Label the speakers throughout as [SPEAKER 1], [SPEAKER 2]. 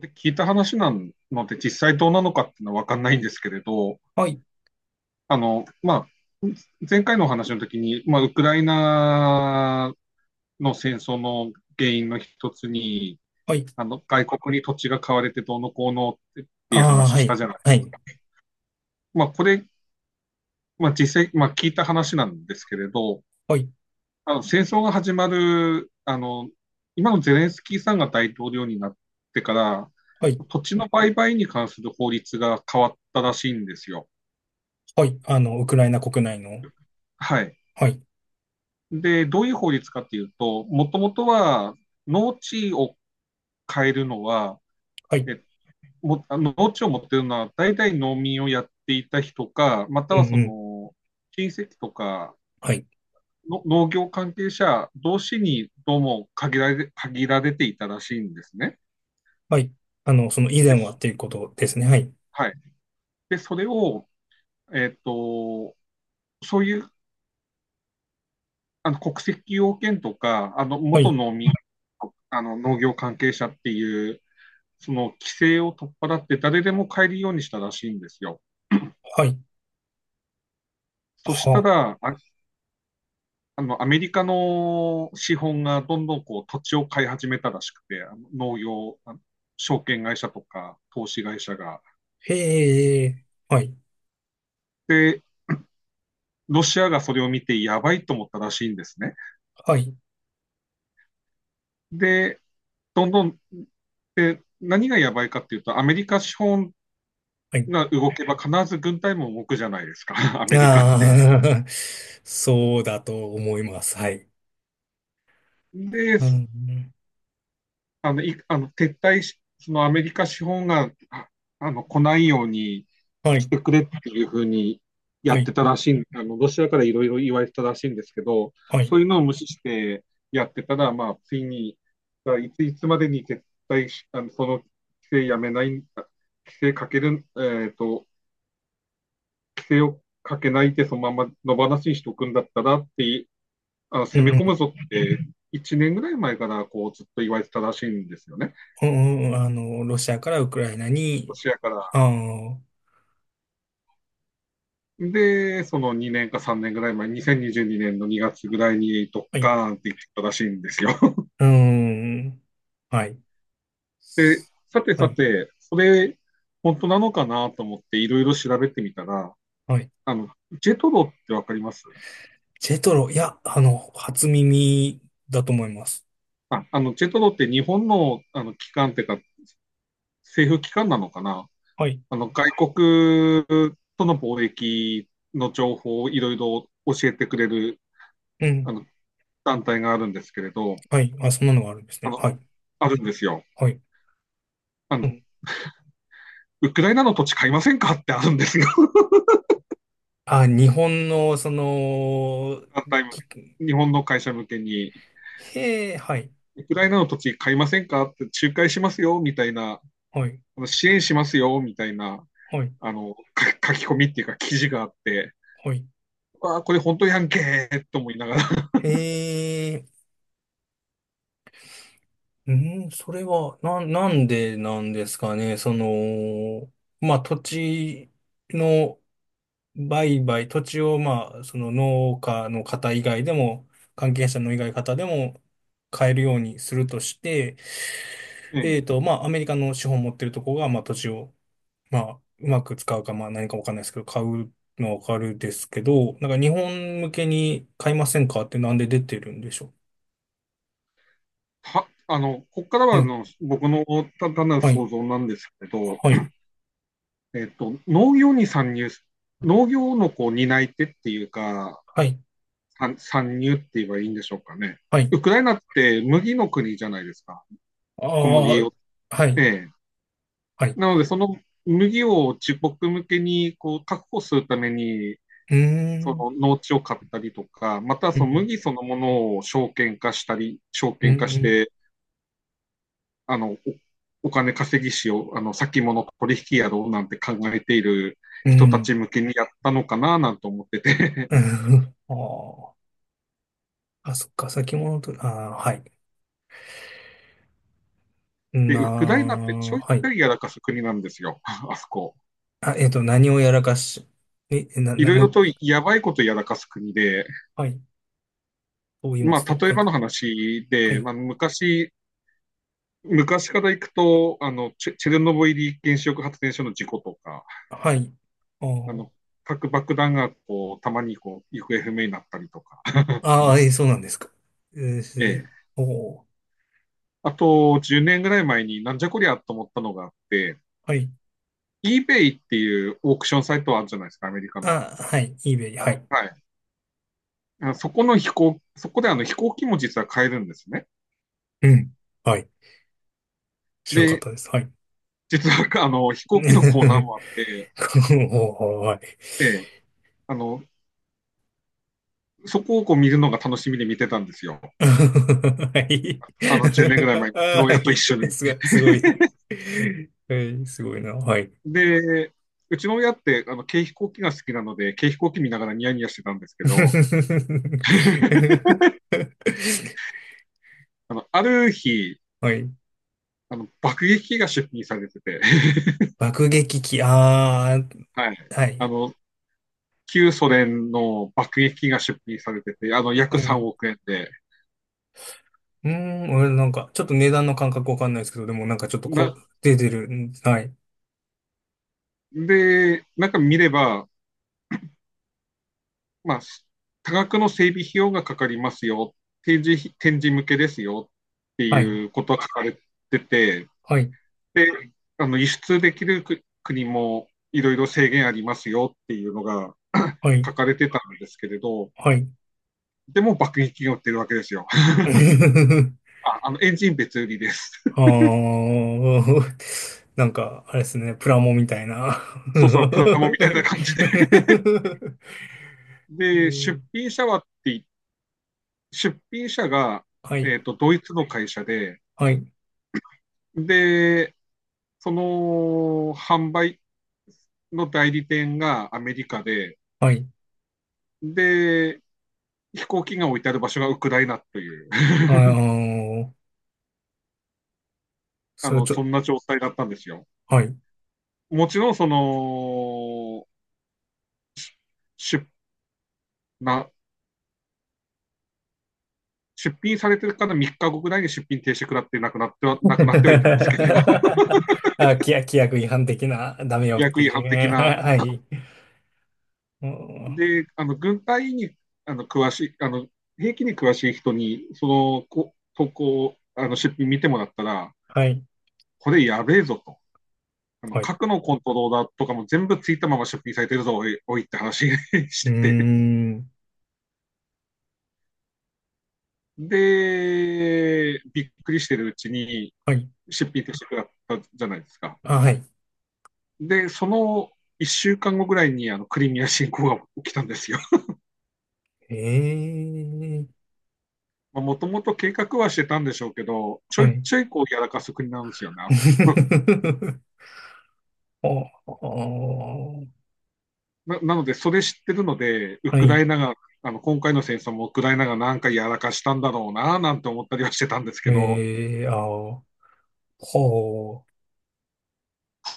[SPEAKER 1] で聞いた話なので、実際どうなのかっていうのは分かんないんですけれど、
[SPEAKER 2] はい、
[SPEAKER 1] あの、まあ、前回のお話の時に、ウクライナの戦争の原因の一つに、
[SPEAKER 2] はい。
[SPEAKER 1] 外国に土地が買われてどうのこうのっていう
[SPEAKER 2] ああ、
[SPEAKER 1] 話
[SPEAKER 2] は
[SPEAKER 1] したじ
[SPEAKER 2] い、
[SPEAKER 1] ゃない。
[SPEAKER 2] はい、
[SPEAKER 1] まあ、これ、実際、聞いた話なんですけれど、
[SPEAKER 2] はい、
[SPEAKER 1] あの、戦争が始まる、あの、今のゼレンスキーさんが大統領になってから、
[SPEAKER 2] はい、
[SPEAKER 1] 土地の売買に関する法律が変わったらしいんですよ。
[SPEAKER 2] はい。ウクライナ国内の、
[SPEAKER 1] はい。
[SPEAKER 2] はい、
[SPEAKER 1] で、どういう法律かっていうと、もともとは農地を変えるのは、
[SPEAKER 2] はい、
[SPEAKER 1] え農地を持ってるのは大体農民をやっていた人か、また
[SPEAKER 2] う
[SPEAKER 1] は
[SPEAKER 2] ん
[SPEAKER 1] そ
[SPEAKER 2] うん、
[SPEAKER 1] の親戚とか
[SPEAKER 2] はい、
[SPEAKER 1] の農業関係者同士にどうも限られていたらしいんですね。
[SPEAKER 2] はい。その以前はって
[SPEAKER 1] で、
[SPEAKER 2] いうことですね。はい、
[SPEAKER 1] はい。で、それを、えっと、そういう国籍要件とか、
[SPEAKER 2] は
[SPEAKER 1] 元
[SPEAKER 2] い、
[SPEAKER 1] 農民、農業関係者っていうその規制を取っ払って誰でも買えるようにしたらしいんですよ。
[SPEAKER 2] はい、
[SPEAKER 1] そした
[SPEAKER 2] はあ、
[SPEAKER 1] ら、アメリカの資本がどんどんこう土地を買い始めたらしくて、あの農業、あの証券会社とか投資会社が。
[SPEAKER 2] へえ、はい、
[SPEAKER 1] で、ロシアがそれを見てやばいと思ったらしいんですね。
[SPEAKER 2] はい、
[SPEAKER 1] で、どんどん何がやばいかっていうと、アメリカ資本
[SPEAKER 2] はい。
[SPEAKER 1] が動けば必ず軍隊も動くじゃないですか、アメリカって。
[SPEAKER 2] ああ、そうだと思います。はい。
[SPEAKER 1] で、
[SPEAKER 2] うん、
[SPEAKER 1] あの、い、あの、撤退し、そのアメリカ資本が、来ないように
[SPEAKER 2] は
[SPEAKER 1] し
[SPEAKER 2] い、
[SPEAKER 1] てくれっていうふうにや
[SPEAKER 2] は
[SPEAKER 1] っ
[SPEAKER 2] い、
[SPEAKER 1] てたらしいん、あの、ロシアからいろいろ言われてたらしいんですけど、
[SPEAKER 2] は
[SPEAKER 1] そ
[SPEAKER 2] い。
[SPEAKER 1] ういうのを無視してやってたら、ついに、だからいついつまでに撤退し、あの、その規制やめない、あ規制かける、えっと、規制をかけないでそのまま野放しにしておくんだったらって、
[SPEAKER 2] う
[SPEAKER 1] 攻め
[SPEAKER 2] ん、
[SPEAKER 1] 込むぞって、1年ぐらい前からこうずっと言われてたらしいんですよね。
[SPEAKER 2] うん、うん、ロシアからウクライナ
[SPEAKER 1] ロ
[SPEAKER 2] に、
[SPEAKER 1] シアから。
[SPEAKER 2] ああ、は
[SPEAKER 1] で、その2年か3年ぐらい前、2022年の2月ぐらいにドッ
[SPEAKER 2] い、
[SPEAKER 1] カーンって言ってたらしいんですよ。
[SPEAKER 2] うん、はい。
[SPEAKER 1] で、さて
[SPEAKER 2] は
[SPEAKER 1] さ
[SPEAKER 2] い。
[SPEAKER 1] て、それ、本当なのかなと思っていろいろ調べてみたら、
[SPEAKER 2] はい。
[SPEAKER 1] あの、ジェトロってわかります
[SPEAKER 2] ジェトロ、いや、初耳だと思います。
[SPEAKER 1] ジェトロって日本の、機関っていうか、政府機関なのかな。
[SPEAKER 2] はい。
[SPEAKER 1] 外国との貿易の情報をいろいろ教えてくれる、
[SPEAKER 2] う
[SPEAKER 1] あ
[SPEAKER 2] ん。
[SPEAKER 1] の、団体があるんですけれど、
[SPEAKER 2] はい。あ、そんなのがあるんです
[SPEAKER 1] あ
[SPEAKER 2] ね。
[SPEAKER 1] の、
[SPEAKER 2] はい。
[SPEAKER 1] あるんですよ。
[SPEAKER 2] はい。
[SPEAKER 1] あ
[SPEAKER 2] う
[SPEAKER 1] の、
[SPEAKER 2] ん。
[SPEAKER 1] ウクライナの土地買いませんかってあるんですよ。
[SPEAKER 2] あ、日本の、その、き
[SPEAKER 1] 日本の会社向けに。
[SPEAKER 2] へえ、はい。
[SPEAKER 1] ウクライナの土地買いませんかって仲介しますよ、みたいな、
[SPEAKER 2] はい。
[SPEAKER 1] 支援しますよ、みたいな、
[SPEAKER 2] はい。
[SPEAKER 1] あの、書き込みっていうか記事があって、
[SPEAKER 2] はい。
[SPEAKER 1] あ、これ本当やんけーと思いながら、
[SPEAKER 2] へえ、うん、それは、なんでなんですかね。その、まあ、土地の、売買、土地を、まあ、その農家の方以外でも、関係者の以外の方でも買えるようにするとして、
[SPEAKER 1] うん。
[SPEAKER 2] まあ、アメリカの資本を持ってるとこが、まあ、土地を、まあ、うまく使うか、まあ、何かわかんないですけど、買うのはわかるですけど、なんか日本向けに買いませんかってなんで出てるんでしょ
[SPEAKER 1] は、あの、ここから
[SPEAKER 2] う。は
[SPEAKER 1] は
[SPEAKER 2] い、
[SPEAKER 1] の僕の単なる
[SPEAKER 2] はい、
[SPEAKER 1] 想像なんですけど、
[SPEAKER 2] はい、
[SPEAKER 1] 農業に参入、農業のこう担い手っていうか、
[SPEAKER 2] はい、
[SPEAKER 1] 参入って言えばいいんでしょうかね。
[SPEAKER 2] はい。
[SPEAKER 1] ウクライナって麦の国じゃないですか、
[SPEAKER 2] あ
[SPEAKER 1] 小麦
[SPEAKER 2] あ、
[SPEAKER 1] を。
[SPEAKER 2] は
[SPEAKER 1] え
[SPEAKER 2] い、
[SPEAKER 1] え、
[SPEAKER 2] はい。う
[SPEAKER 1] なので、その麦を自国向けにこう確保するために、
[SPEAKER 2] ー
[SPEAKER 1] その
[SPEAKER 2] ん、
[SPEAKER 1] 農地を買ったりとか、また
[SPEAKER 2] う
[SPEAKER 1] その
[SPEAKER 2] ん、
[SPEAKER 1] 麦そのものを証券化したり、証
[SPEAKER 2] う
[SPEAKER 1] 券化し
[SPEAKER 2] ん、
[SPEAKER 1] て、あのお金稼ぎしよう、先物取引やろうなんて考えている
[SPEAKER 2] う
[SPEAKER 1] 人た
[SPEAKER 2] ん、
[SPEAKER 1] ち向けにやったのかななんて思ってて。
[SPEAKER 2] うん。ああー。あ、そっか、先物取り、あー、はい。
[SPEAKER 1] で、
[SPEAKER 2] な
[SPEAKER 1] ウクライナってち
[SPEAKER 2] ー、
[SPEAKER 1] ょいち
[SPEAKER 2] は
[SPEAKER 1] ょ
[SPEAKER 2] い。
[SPEAKER 1] いやらかす国なんですよ、あそこ。
[SPEAKER 2] あ、何をやらかし、え、
[SPEAKER 1] い
[SPEAKER 2] な、
[SPEAKER 1] ろい
[SPEAKER 2] も
[SPEAKER 1] ろ
[SPEAKER 2] う、
[SPEAKER 1] とやばいことやらかす国で、
[SPEAKER 2] はい。と言いま
[SPEAKER 1] ま
[SPEAKER 2] す
[SPEAKER 1] あ、
[SPEAKER 2] と、
[SPEAKER 1] 例
[SPEAKER 2] は
[SPEAKER 1] え
[SPEAKER 2] い。
[SPEAKER 1] ばの話
[SPEAKER 2] は
[SPEAKER 1] で、ま
[SPEAKER 2] い。
[SPEAKER 1] あ、昔から行くと、チェチェルノブイリ原子力発電所の事故とか、
[SPEAKER 2] はい。あ
[SPEAKER 1] あの、
[SPEAKER 2] ー
[SPEAKER 1] 核爆弾がこう、たまにこう、行方不明になったりとか、
[SPEAKER 2] あー、そうなんですか。それ
[SPEAKER 1] え
[SPEAKER 2] で、
[SPEAKER 1] え。
[SPEAKER 2] おー、
[SPEAKER 1] あと、10年ぐらい前になんじゃこりゃと思ったのがあって、
[SPEAKER 2] はい。
[SPEAKER 1] eBay っていうオークションサイトあるじゃないですか、アメリカの。
[SPEAKER 2] あ、はい。eBay、はい。
[SPEAKER 1] はい。そこであの飛行機も実は買えるんですね。
[SPEAKER 2] うん。はい。知らんかっ
[SPEAKER 1] で、
[SPEAKER 2] たです。はい。
[SPEAKER 1] 実はあの飛行機のコーナ
[SPEAKER 2] お
[SPEAKER 1] ーもあって、
[SPEAKER 2] ー、はい。
[SPEAKER 1] ええ、あの、そこをこう見るのが楽しみで見てたんですよ。
[SPEAKER 2] はい。
[SPEAKER 1] あの、10年ぐらい前 に、うちの
[SPEAKER 2] は
[SPEAKER 1] 親と一
[SPEAKER 2] い。
[SPEAKER 1] 緒に。
[SPEAKER 2] すごい、すごい。はい、すごいな。はい。
[SPEAKER 1] で、うちの親って、軽飛行機が好きなので、軽飛行機見ながらニヤニヤしてたんですけ ど、ある日、
[SPEAKER 2] はい。
[SPEAKER 1] 爆撃機が出品されてて、
[SPEAKER 2] 爆撃機、あー、
[SPEAKER 1] はい。
[SPEAKER 2] は
[SPEAKER 1] あ
[SPEAKER 2] い。
[SPEAKER 1] の、旧ソ連の爆撃機が出品されてて、あの、約
[SPEAKER 2] はい。
[SPEAKER 1] 3
[SPEAKER 2] う
[SPEAKER 1] 億円で、
[SPEAKER 2] ーん、俺なんか、ちょっと値段の感覚わかんないですけど、でもなんかちょっとこ
[SPEAKER 1] な、
[SPEAKER 2] う、出てる。うん、はい。
[SPEAKER 1] で、なんか見れば、まあ、多額の整備費用がかかりますよ、展示向けですよって
[SPEAKER 2] は
[SPEAKER 1] い
[SPEAKER 2] い。
[SPEAKER 1] うことが書かれてて、
[SPEAKER 2] はい。
[SPEAKER 1] で、輸出できる国もいろいろ制限ありますよっていうのが
[SPEAKER 2] はい。
[SPEAKER 1] 書かれてたんですけれど、
[SPEAKER 2] はい。
[SPEAKER 1] でも爆撃機が売ってるわけですよ。エンジン別売りです。
[SPEAKER 2] あー、なんか、あれですね、プラモみたいな。
[SPEAKER 1] そうそう、プラ モみたいな感じで。
[SPEAKER 2] え
[SPEAKER 1] で、
[SPEAKER 2] ー
[SPEAKER 1] 出品者が、
[SPEAKER 2] はい。
[SPEAKER 1] えーとドイツの会社で、
[SPEAKER 2] はい。
[SPEAKER 1] で、その販売の代理店がアメリカで、
[SPEAKER 2] はい。
[SPEAKER 1] で、飛行機が置いてある場所がウクライナという
[SPEAKER 2] あー、
[SPEAKER 1] あ
[SPEAKER 2] それ
[SPEAKER 1] の、
[SPEAKER 2] ち
[SPEAKER 1] そ
[SPEAKER 2] ょ、
[SPEAKER 1] んな状態だったんですよ。
[SPEAKER 2] はい。
[SPEAKER 1] もちろん、その、出、な、出品されてるから3日後ぐらいに出品停止食らってなくなってはいたんです
[SPEAKER 2] あ、
[SPEAKER 1] けど、規
[SPEAKER 2] 規約違反的な、ダメよって
[SPEAKER 1] 約違
[SPEAKER 2] いう
[SPEAKER 1] 反的
[SPEAKER 2] ね。
[SPEAKER 1] な。
[SPEAKER 2] ははい。うん、
[SPEAKER 1] で、あの、軍隊に、あの、詳しい、あの、兵器に詳しい人に、その、こ投稿、あの、出品見てもらったら、
[SPEAKER 2] はい。
[SPEAKER 1] これやべえぞと。あの、
[SPEAKER 2] はい。う
[SPEAKER 1] 核のコントローラーとかも全部ついたまま出品されてるぞ、おい、おいって話 し
[SPEAKER 2] ー
[SPEAKER 1] てて。
[SPEAKER 2] ん。
[SPEAKER 1] で、びっくりしてるうちに
[SPEAKER 2] はい。
[SPEAKER 1] 出品としてくだったじゃないですか。
[SPEAKER 2] あ、はい。
[SPEAKER 1] で、その一週間後ぐらいにあのクリミア侵攻が起きたんですよ。
[SPEAKER 2] ええ、
[SPEAKER 1] もともと計画はしてたんでしょうけど、ちょ
[SPEAKER 2] は
[SPEAKER 1] い
[SPEAKER 2] い。
[SPEAKER 1] ちょいこうやらかす国なんですよね、あそこ。
[SPEAKER 2] お、
[SPEAKER 1] なので、それ知ってるので、ウ
[SPEAKER 2] は
[SPEAKER 1] クラ
[SPEAKER 2] い。
[SPEAKER 1] イナが、あの今回の戦争もウクライナがなんかやらかしたんだろうな、なんて思ったりはしてたんですけど、
[SPEAKER 2] ええ、あ、ほ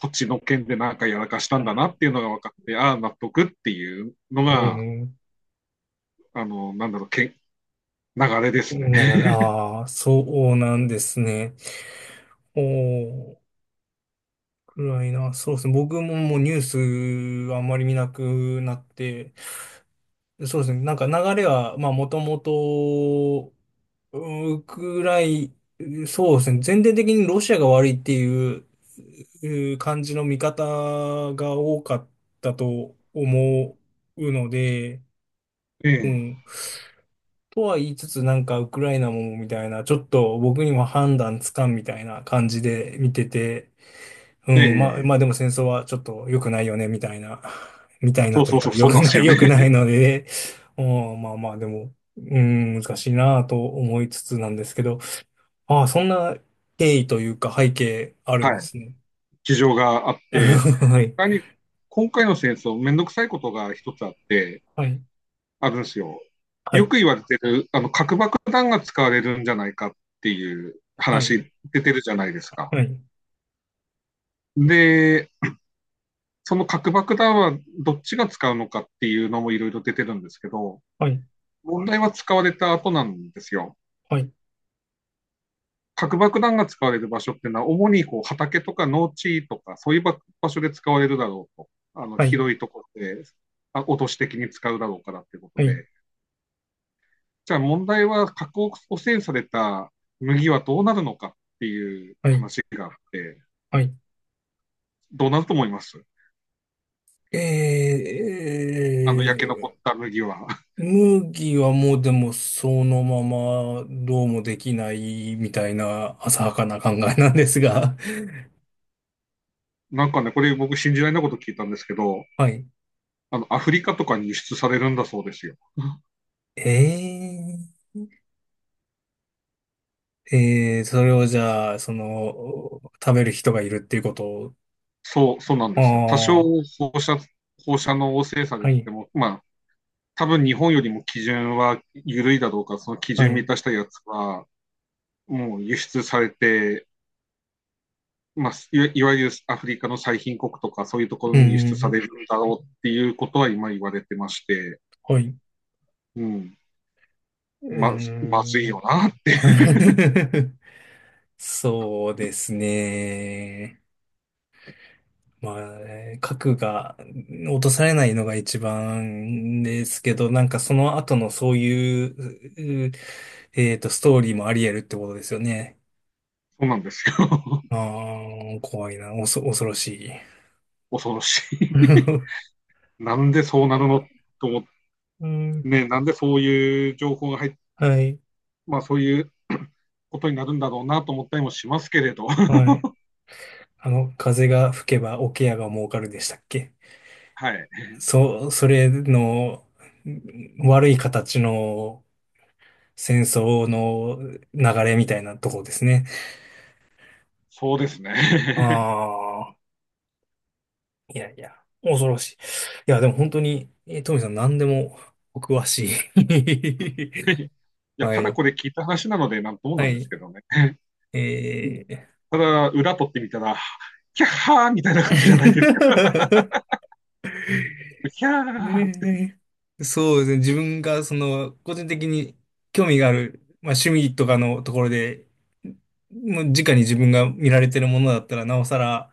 [SPEAKER 1] そっちの件でなんかやらかしたんだ
[SPEAKER 2] う。
[SPEAKER 1] なっていうのが分かって、ああ、納得っていうのが、
[SPEAKER 2] え
[SPEAKER 1] あの、なんだろう、け流れで
[SPEAKER 2] え
[SPEAKER 1] すね。
[SPEAKER 2] なが ら、ああ、そうなんですね。おー、暗いな。そうですね。僕ももうニュースあんまり見なくなって、そうですね。なんか流れは、まあ、もともと、うん、ウクライ、そうですね。全体的にロシアが悪いっていうう感じの見方が多かったと思うので、
[SPEAKER 1] え
[SPEAKER 2] う
[SPEAKER 1] え
[SPEAKER 2] ん。とは言いつつ、なんかウクライナもみたいな、ちょっと僕にも判断つかんみたいな感じで見てて、うん、まあ、
[SPEAKER 1] え
[SPEAKER 2] まあで
[SPEAKER 1] え
[SPEAKER 2] も戦争はちょっと良くないよね、みたいな、みたい
[SPEAKER 1] そ
[SPEAKER 2] な
[SPEAKER 1] う
[SPEAKER 2] とい
[SPEAKER 1] そ
[SPEAKER 2] う
[SPEAKER 1] う
[SPEAKER 2] か、
[SPEAKER 1] そう、
[SPEAKER 2] 良
[SPEAKER 1] そう
[SPEAKER 2] く
[SPEAKER 1] なんで
[SPEAKER 2] な
[SPEAKER 1] す
[SPEAKER 2] い、
[SPEAKER 1] よね。
[SPEAKER 2] 良くないので、うん、まあまあでも、うん、難しいなと思いつつなんですけど、ああ、そんな経緯というか背景あ るんで
[SPEAKER 1] はい。
[SPEAKER 2] すね。
[SPEAKER 1] 事情があっ て、
[SPEAKER 2] はい、
[SPEAKER 1] 他に今回の戦争、めんどくさいことが一つあって、
[SPEAKER 2] はい、
[SPEAKER 1] あるんですよ。
[SPEAKER 2] は
[SPEAKER 1] よ
[SPEAKER 2] い、
[SPEAKER 1] く言われてる、核爆弾が使われるんじゃないかっていう話出てるじゃないですか。
[SPEAKER 2] はい、
[SPEAKER 1] で、その核爆弾はどっちが使うのかっていうのもいろいろ出てるんですけど、
[SPEAKER 2] はい、
[SPEAKER 1] 問題は使われた後なんですよ。
[SPEAKER 2] はい、
[SPEAKER 1] 核爆弾が使われる場所ってのは、主にこう畑とか農地とか、そういうば場所で使われるだろうと。あの、
[SPEAKER 2] はい、はい、
[SPEAKER 1] 広いところで、落とし的に使うだろうからっていうこと
[SPEAKER 2] はい、
[SPEAKER 1] で。じゃあ問題は、核汚染された麦はどうなるのかっていう
[SPEAKER 2] はい、
[SPEAKER 1] 話があって、
[SPEAKER 2] はい。
[SPEAKER 1] どうなると思います
[SPEAKER 2] え
[SPEAKER 1] あの、焼け残っ
[SPEAKER 2] ー
[SPEAKER 1] た麦は。
[SPEAKER 2] 麦はもうでもそのままどうもできないみたいな浅はかな考えなんですが。
[SPEAKER 1] なんかね、これ僕信じられないこと聞いたんですけど、
[SPEAKER 2] はい。
[SPEAKER 1] アフリカとかに輸出されるんだそうですよ。
[SPEAKER 2] えそれをじゃあ、その、食べる人がいるっていうことを。
[SPEAKER 1] そうなんですよ。多少
[SPEAKER 2] ああ、
[SPEAKER 1] 放射、放射能汚染さ
[SPEAKER 2] は
[SPEAKER 1] れてて
[SPEAKER 2] い、
[SPEAKER 1] も、まあ、多分日本よりも基準は緩いだろうから、その基
[SPEAKER 2] は
[SPEAKER 1] 準満
[SPEAKER 2] い。
[SPEAKER 1] たしたやつは、もう輸出されて、まあ、いわゆるアフリカの最貧国とか、そういうとこ
[SPEAKER 2] う
[SPEAKER 1] ろに輸出さ
[SPEAKER 2] ん、
[SPEAKER 1] れるんだろうっていうことは今言われてまして、
[SPEAKER 2] はい。う
[SPEAKER 1] うん、まずい
[SPEAKER 2] ーん。
[SPEAKER 1] よなって、
[SPEAKER 2] そうですね。まあね、核が落とされないのが一番ですけど、なんかその後のそういう、ストーリーもあり得るってことですよね。
[SPEAKER 1] そうなんですよ。
[SPEAKER 2] あ あ、怖いな、恐ろしい。
[SPEAKER 1] 恐ろしい。なんでそうなるのと思って、
[SPEAKER 2] うん、
[SPEAKER 1] ね、なんでそういう情報が入
[SPEAKER 2] はい、
[SPEAKER 1] まあそういう ことになるんだろうなと思ったりもしますけれど、
[SPEAKER 2] はい。風が吹けば桶屋が儲かるでしたっけ。
[SPEAKER 1] はい、
[SPEAKER 2] それのうん、悪い形の戦争の流れみたいなとこですね。
[SPEAKER 1] そうですね。
[SPEAKER 2] ああ。いやいや、恐ろしい。いや、でも本当に、トミさん何でもお詳しい。
[SPEAKER 1] いや、
[SPEAKER 2] は
[SPEAKER 1] ただ
[SPEAKER 2] い。
[SPEAKER 1] これ聞いた話なので、なんとも
[SPEAKER 2] は
[SPEAKER 1] なんです
[SPEAKER 2] い。
[SPEAKER 1] けどね。うん、
[SPEAKER 2] えー
[SPEAKER 1] ただ、裏取ってみたら、キャッハーみたいな 感じじゃないですか。キャ
[SPEAKER 2] え
[SPEAKER 1] ーっ
[SPEAKER 2] ーそうですね。自分が、その、個人的に興味がある、まあ、趣味とかのところで、もう直に自分が見られてるものだったら、なおさら、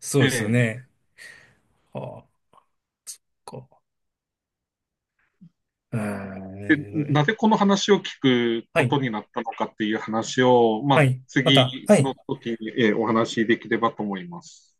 [SPEAKER 2] そう
[SPEAKER 1] て、
[SPEAKER 2] ですよね。はあ、こう。う
[SPEAKER 1] で、
[SPEAKER 2] ー
[SPEAKER 1] な
[SPEAKER 2] ん。
[SPEAKER 1] ぜこの話を聞く
[SPEAKER 2] は
[SPEAKER 1] こと
[SPEAKER 2] い。
[SPEAKER 1] になったのかっていう話を、ま
[SPEAKER 2] は
[SPEAKER 1] あ、
[SPEAKER 2] い。また。
[SPEAKER 1] 次
[SPEAKER 2] はい。
[SPEAKER 1] の時に、お話しできればと思います。